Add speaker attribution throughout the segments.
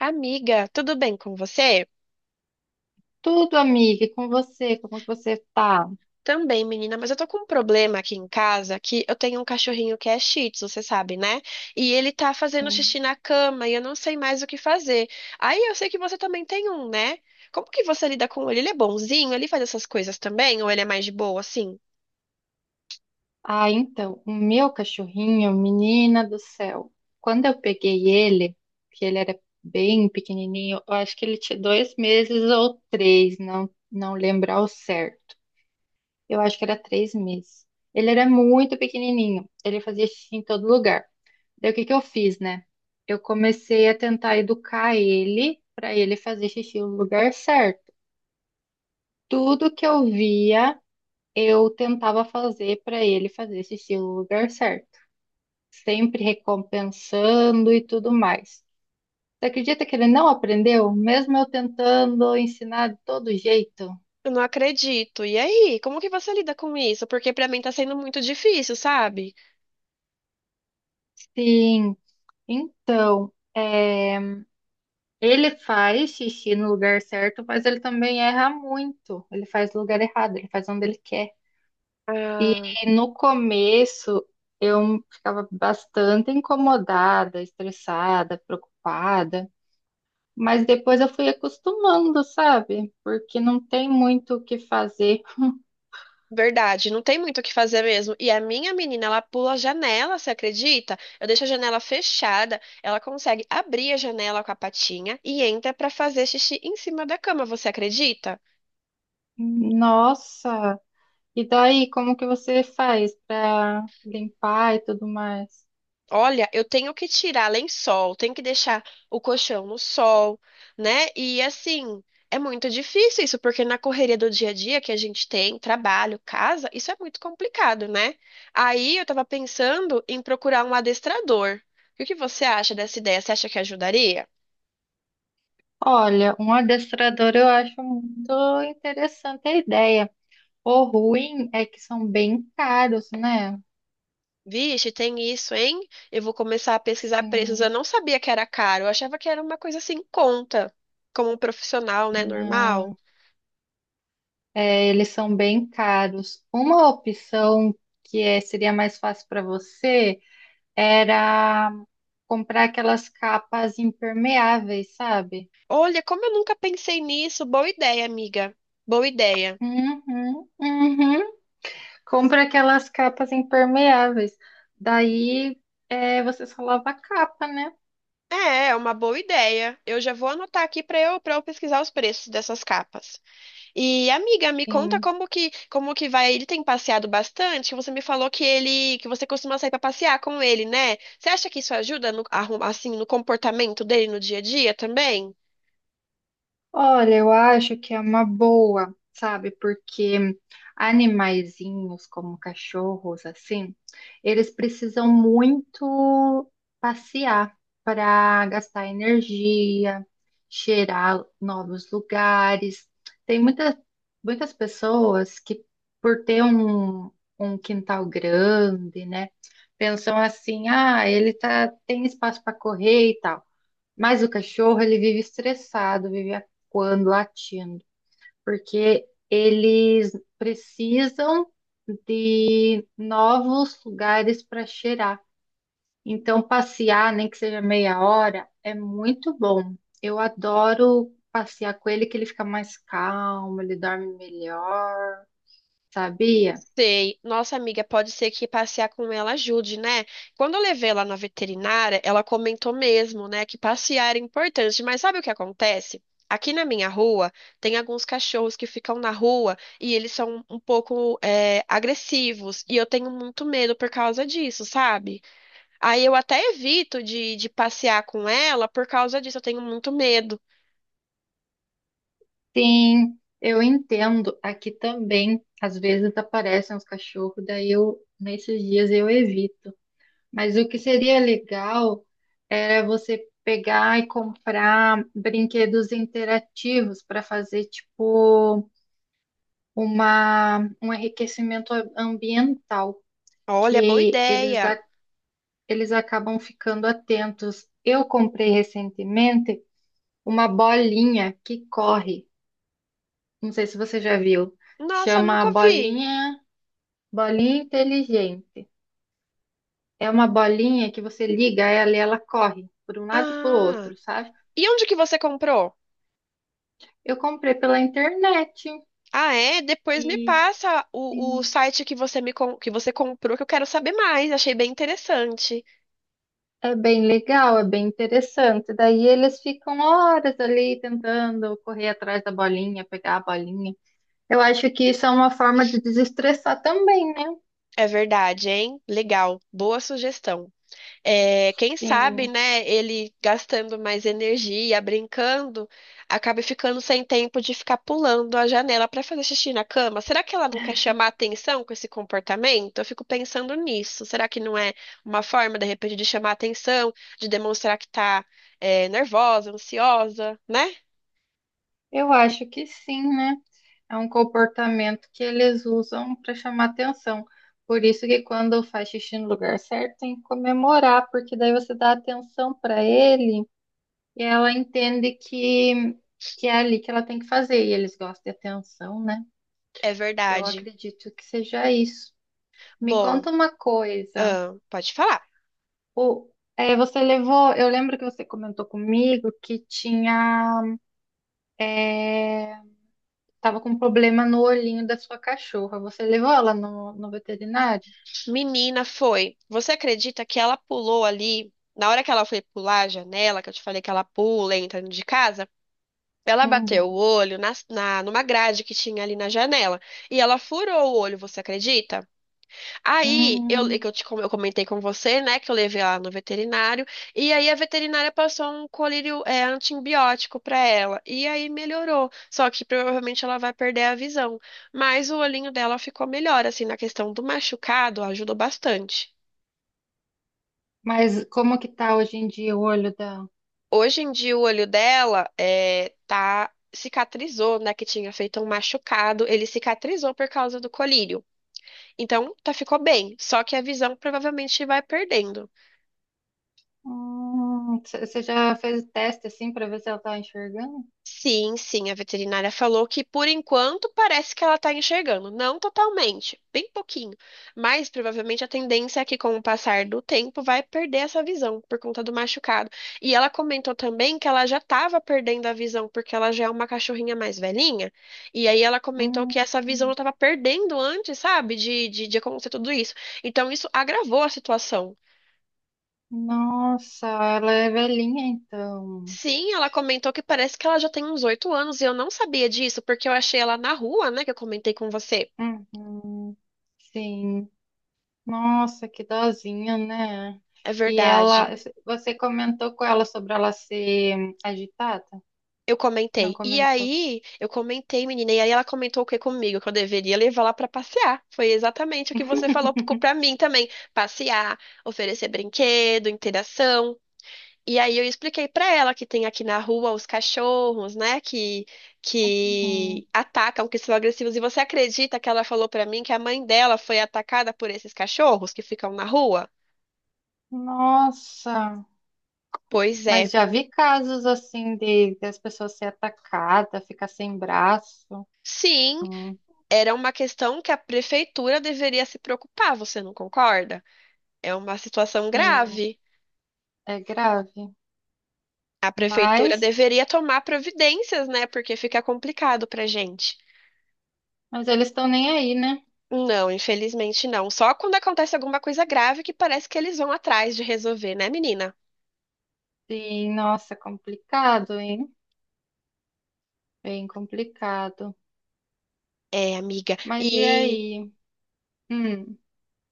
Speaker 1: Amiga, tudo bem com você?
Speaker 2: Tudo, amiga, e com você, como que você tá?
Speaker 1: Também, menina, mas eu tô com um problema aqui em casa, que eu tenho um cachorrinho que é Shih Tzu, você sabe, né? E ele tá fazendo
Speaker 2: Sim.
Speaker 1: xixi na cama e eu não sei mais o que fazer. Aí eu sei que você também tem um, né? Como que você lida com ele? Ele é bonzinho? Ele faz essas coisas também? Ou ele é mais de boa, assim?
Speaker 2: Ah, então, o meu cachorrinho, menina do céu, quando eu peguei ele, que ele era bem pequenininho, eu acho que ele tinha dois meses ou três, não, lembro ao certo. Eu acho que era três meses. Ele era muito pequenininho, ele fazia xixi em todo lugar. Daí o que que eu fiz, né? Eu comecei a tentar educar ele para ele fazer xixi no lugar certo. Tudo que eu via eu tentava fazer para ele fazer esse estilo lugar certo, sempre recompensando e tudo mais. Você acredita que ele não aprendeu, mesmo eu tentando ensinar de todo jeito?
Speaker 1: Eu não acredito. E aí, como que você lida com isso? Porque pra mim tá sendo muito difícil, sabe?
Speaker 2: Sim, então, é, ele faz xixi no lugar certo, mas ele também erra muito. Ele faz no lugar errado, ele faz onde ele quer.
Speaker 1: Ah.
Speaker 2: E no começo, eu ficava bastante incomodada, estressada, preocupada. Mas depois eu fui acostumando, sabe? Porque não tem muito o que fazer.
Speaker 1: Verdade, não tem muito o que fazer mesmo. E a minha menina, ela pula a janela, você acredita? Eu deixo a janela fechada, ela consegue abrir a janela com a patinha e entra pra fazer xixi em cima da cama, você acredita?
Speaker 2: Nossa! E daí, como que você faz para limpar e tudo mais?
Speaker 1: Olha, eu tenho que tirar lençol, tenho que deixar o colchão no sol, né? E assim, é muito difícil isso, porque na correria do dia a dia que a gente tem, trabalho, casa, isso é muito complicado, né? Aí eu tava pensando em procurar um adestrador. E o que você acha dessa ideia? Você acha que ajudaria?
Speaker 2: Olha, um adestrador eu acho muito interessante a ideia. O ruim é que são bem caros, né?
Speaker 1: Vixe, tem isso, hein? Eu vou começar a pesquisar preços.
Speaker 2: Sim,
Speaker 1: Eu não sabia que era caro, eu achava que era uma coisa assim, em conta, como um profissional, né, normal.
Speaker 2: não. É, eles são bem caros. Uma opção seria mais fácil para você era comprar aquelas capas impermeáveis, sabe?
Speaker 1: Olha, como eu nunca pensei nisso, boa ideia, amiga. Boa ideia.
Speaker 2: Uhum, uhum. Compra aquelas capas impermeáveis. Daí é, você só lava a capa, né?
Speaker 1: É, é uma boa ideia. Eu já vou anotar aqui para eu pesquisar os preços dessas capas. E amiga, me conta
Speaker 2: Sim.
Speaker 1: como que vai? Ele tem passeado bastante? Que você me falou que ele, que você costuma sair para passear com ele, né? Você acha que isso ajuda no, assim, no comportamento dele no dia a dia também?
Speaker 2: Olha, eu acho que é uma boa, sabe? Porque animaizinhos como cachorros, assim, eles precisam muito passear para gastar energia, cheirar novos lugares. Tem muita, muitas pessoas que, por ter um, um quintal grande, né, pensam assim: ah, ele tá, tem espaço para correr e tal. Mas o cachorro, ele vive estressado, vive acuando, latindo, porque eles precisam de novos lugares para cheirar. Então, passear, nem que seja meia hora, é muito bom. Eu adoro passear com ele, que ele fica mais calmo, ele dorme melhor, sabia?
Speaker 1: Sei, nossa amiga, pode ser que passear com ela ajude, né? Quando eu levei ela na veterinária, ela comentou mesmo, né, que passear era importante, mas sabe o que acontece? Aqui na minha rua, tem alguns cachorros que ficam na rua e eles são um pouco, é, agressivos, e eu tenho muito medo por causa disso, sabe? Aí eu até evito de passear com ela por causa disso, eu tenho muito medo.
Speaker 2: Sim, eu entendo. Aqui também, às vezes aparecem os cachorros, daí eu, nesses dias eu evito. Mas o que seria legal era você pegar e comprar brinquedos interativos para fazer tipo uma, um enriquecimento ambiental,
Speaker 1: Olha, boa
Speaker 2: que eles,
Speaker 1: ideia.
Speaker 2: eles acabam ficando atentos. Eu comprei recentemente uma bolinha que corre. Não sei se você já viu.
Speaker 1: Nossa,
Speaker 2: Chama
Speaker 1: nunca vi.
Speaker 2: bolinha, bolinha inteligente. É uma bolinha que você liga ela e ela corre por um lado e para o
Speaker 1: Ah,
Speaker 2: outro, sabe?
Speaker 1: e onde que você comprou?
Speaker 2: Eu comprei pela internet
Speaker 1: Ah, é? Depois me
Speaker 2: e
Speaker 1: passa o
Speaker 2: Sim.
Speaker 1: site que você me que você comprou, que eu quero saber mais. Achei bem interessante.
Speaker 2: é bem legal, é bem interessante. Daí eles ficam horas ali tentando correr atrás da bolinha, pegar a bolinha. Eu acho que isso é uma forma de desestressar também, né?
Speaker 1: É verdade, hein? Legal. Boa sugestão. É, quem sabe,
Speaker 2: Sim,
Speaker 1: né, ele gastando mais energia, brincando, acaba ficando sem tempo de ficar pulando a janela para fazer xixi na cama. Será que ela não quer chamar atenção com esse comportamento? Eu fico pensando nisso. Será que não é uma forma, de repente, de chamar atenção, de demonstrar que tá, é, nervosa, ansiosa, né?
Speaker 2: eu acho que sim, né? É um comportamento que eles usam para chamar atenção. Por isso que quando faz xixi no lugar certo, tem que comemorar, porque daí você dá atenção para ele. E ela entende que é ali que ela tem que fazer, e eles gostam de atenção, né?
Speaker 1: É
Speaker 2: Eu
Speaker 1: verdade.
Speaker 2: acredito que seja isso. Me
Speaker 1: Bom,
Speaker 2: conta uma coisa.
Speaker 1: pode falar.
Speaker 2: O, é, você levou, eu lembro que você comentou comigo que tinha, é, tava com problema no olhinho da sua cachorra. Você levou ela no, no veterinário?
Speaker 1: Menina foi. Você acredita que ela pulou ali? Na hora que ela foi pular a janela, que eu te falei que ela pula entra de casa, ela bateu o
Speaker 2: Uhum.
Speaker 1: olho numa grade que tinha ali na janela. E ela furou o olho, você acredita? Aí,
Speaker 2: Hum,
Speaker 1: eu comentei com você, né, que eu levei ela no veterinário, e aí a veterinária passou um colírio é, antibiótico para ela, e aí melhorou. Só que provavelmente ela vai perder a visão, mas o olhinho dela ficou melhor, assim, na questão do machucado, ajudou bastante.
Speaker 2: mas como que tá hoje em dia o olho dela?
Speaker 1: Hoje em dia, o olho dela é, tá, cicatrizou, né, que tinha feito um machucado, ele cicatrizou por causa do colírio. Então, tá, ficou bem, só que a visão provavelmente vai perdendo.
Speaker 2: Você já fez o teste assim para ver se ela tá enxergando?
Speaker 1: Sim, sim, a veterinária falou que por enquanto parece que ela está enxergando, não totalmente, bem pouquinho, mas provavelmente a tendência é que com o passar do tempo vai perder essa visão por conta do machucado. E ela comentou também que ela já estava perdendo a visão porque ela já é uma cachorrinha mais velhinha, e aí ela comentou que
Speaker 2: Hum.
Speaker 1: essa visão ela
Speaker 2: Hum.
Speaker 1: estava perdendo antes, sabe, de acontecer tudo isso. Então isso agravou a situação.
Speaker 2: Nossa, ela é velhinha então.
Speaker 1: Sim, ela comentou que parece que ela já tem uns 8 anos e eu não sabia disso, porque eu achei ela na rua, né, que eu comentei com você.
Speaker 2: Uhum, sim. Nossa, que dozinha, né?
Speaker 1: É
Speaker 2: E ela,
Speaker 1: verdade.
Speaker 2: você comentou com ela sobre ela ser agitada?
Speaker 1: Eu
Speaker 2: Não
Speaker 1: comentei. E
Speaker 2: comentou.
Speaker 1: aí, eu comentei, menina, e aí ela comentou o que comigo, que eu deveria levar lá pra passear. Foi exatamente o que você falou pra mim também. Passear, oferecer brinquedo, interação. E aí eu expliquei pra ela que tem aqui na rua os cachorros, né, que
Speaker 2: Uhum.
Speaker 1: que atacam, que são agressivos. E você acredita que ela falou pra mim que a mãe dela foi atacada por esses cachorros que ficam na rua?
Speaker 2: Nossa,
Speaker 1: Pois
Speaker 2: mas
Speaker 1: é.
Speaker 2: já vi casos assim de as pessoas ser atacadas, ficar sem braço.
Speaker 1: Sim,
Speaker 2: Hum,
Speaker 1: era uma questão que a prefeitura deveria se preocupar, você não concorda? É uma situação
Speaker 2: Sim,
Speaker 1: grave.
Speaker 2: é grave.
Speaker 1: A prefeitura
Speaker 2: Mas,
Speaker 1: deveria tomar providências, né? Porque fica complicado pra gente.
Speaker 2: eles estão nem aí, né?
Speaker 1: Não, infelizmente não. Só quando acontece alguma coisa grave que parece que eles vão atrás de resolver, né, menina?
Speaker 2: Sim, nossa, complicado, hein? Bem complicado.
Speaker 1: É, amiga.
Speaker 2: Mas e
Speaker 1: E
Speaker 2: aí? Hum,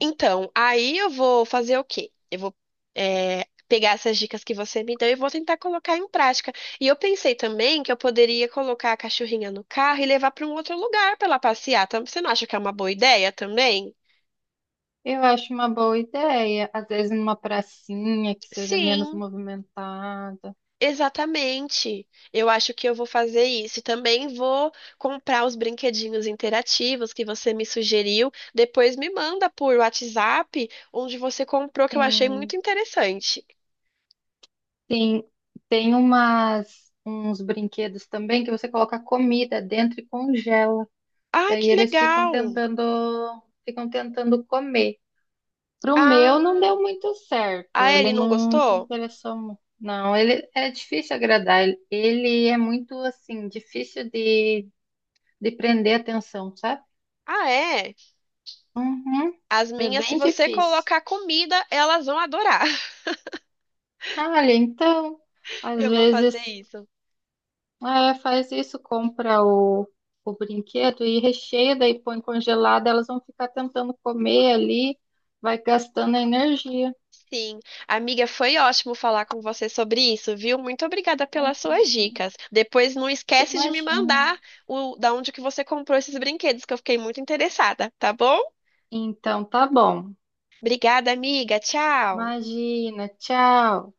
Speaker 1: então, aí eu vou fazer o quê? Eu vou pegar essas dicas que você me deu e vou tentar colocar em prática. E eu pensei também que eu poderia colocar a cachorrinha no carro e levar para um outro lugar para ela passear. Você não acha que é uma boa ideia também?
Speaker 2: eu acho uma boa ideia. Às vezes numa pracinha que seja menos
Speaker 1: Sim.
Speaker 2: movimentada.
Speaker 1: Exatamente. Eu acho que eu vou fazer isso. E também vou comprar os brinquedinhos interativos que você me sugeriu. Depois me manda por WhatsApp onde você comprou, que eu achei
Speaker 2: Sim,
Speaker 1: muito interessante.
Speaker 2: sim. Tem umas, uns brinquedos também que você coloca comida dentro e congela.
Speaker 1: Ai,
Speaker 2: Daí
Speaker 1: que
Speaker 2: eles
Speaker 1: legal!
Speaker 2: ficam tentando comer. Pro meu não
Speaker 1: Ah,
Speaker 2: deu muito certo.
Speaker 1: a
Speaker 2: Ele
Speaker 1: Ellie não
Speaker 2: não se
Speaker 1: gostou?
Speaker 2: interessou muito. Não, ele é difícil agradar. Ele é muito assim, difícil de prender a atenção, sabe?
Speaker 1: Ah, é?
Speaker 2: Uhum.
Speaker 1: As
Speaker 2: É
Speaker 1: minhas, se
Speaker 2: bem
Speaker 1: você
Speaker 2: difícil.
Speaker 1: colocar comida, elas vão adorar.
Speaker 2: Ah, olha, então, às
Speaker 1: Eu vou fazer
Speaker 2: vezes,
Speaker 1: isso.
Speaker 2: é, faz isso, compra o brinquedo e recheia, daí põe congelado, elas vão ficar tentando comer ali, vai gastando energia.
Speaker 1: Sim, amiga, foi ótimo falar com você sobre isso, viu? Muito obrigada pelas suas
Speaker 2: Uhum.
Speaker 1: dicas. Depois não esquece de me
Speaker 2: Imagina.
Speaker 1: mandar o da onde que você comprou esses brinquedos, que eu fiquei muito interessada, tá bom?
Speaker 2: Então, tá bom.
Speaker 1: Obrigada, amiga. Tchau.
Speaker 2: Imagina. Tchau.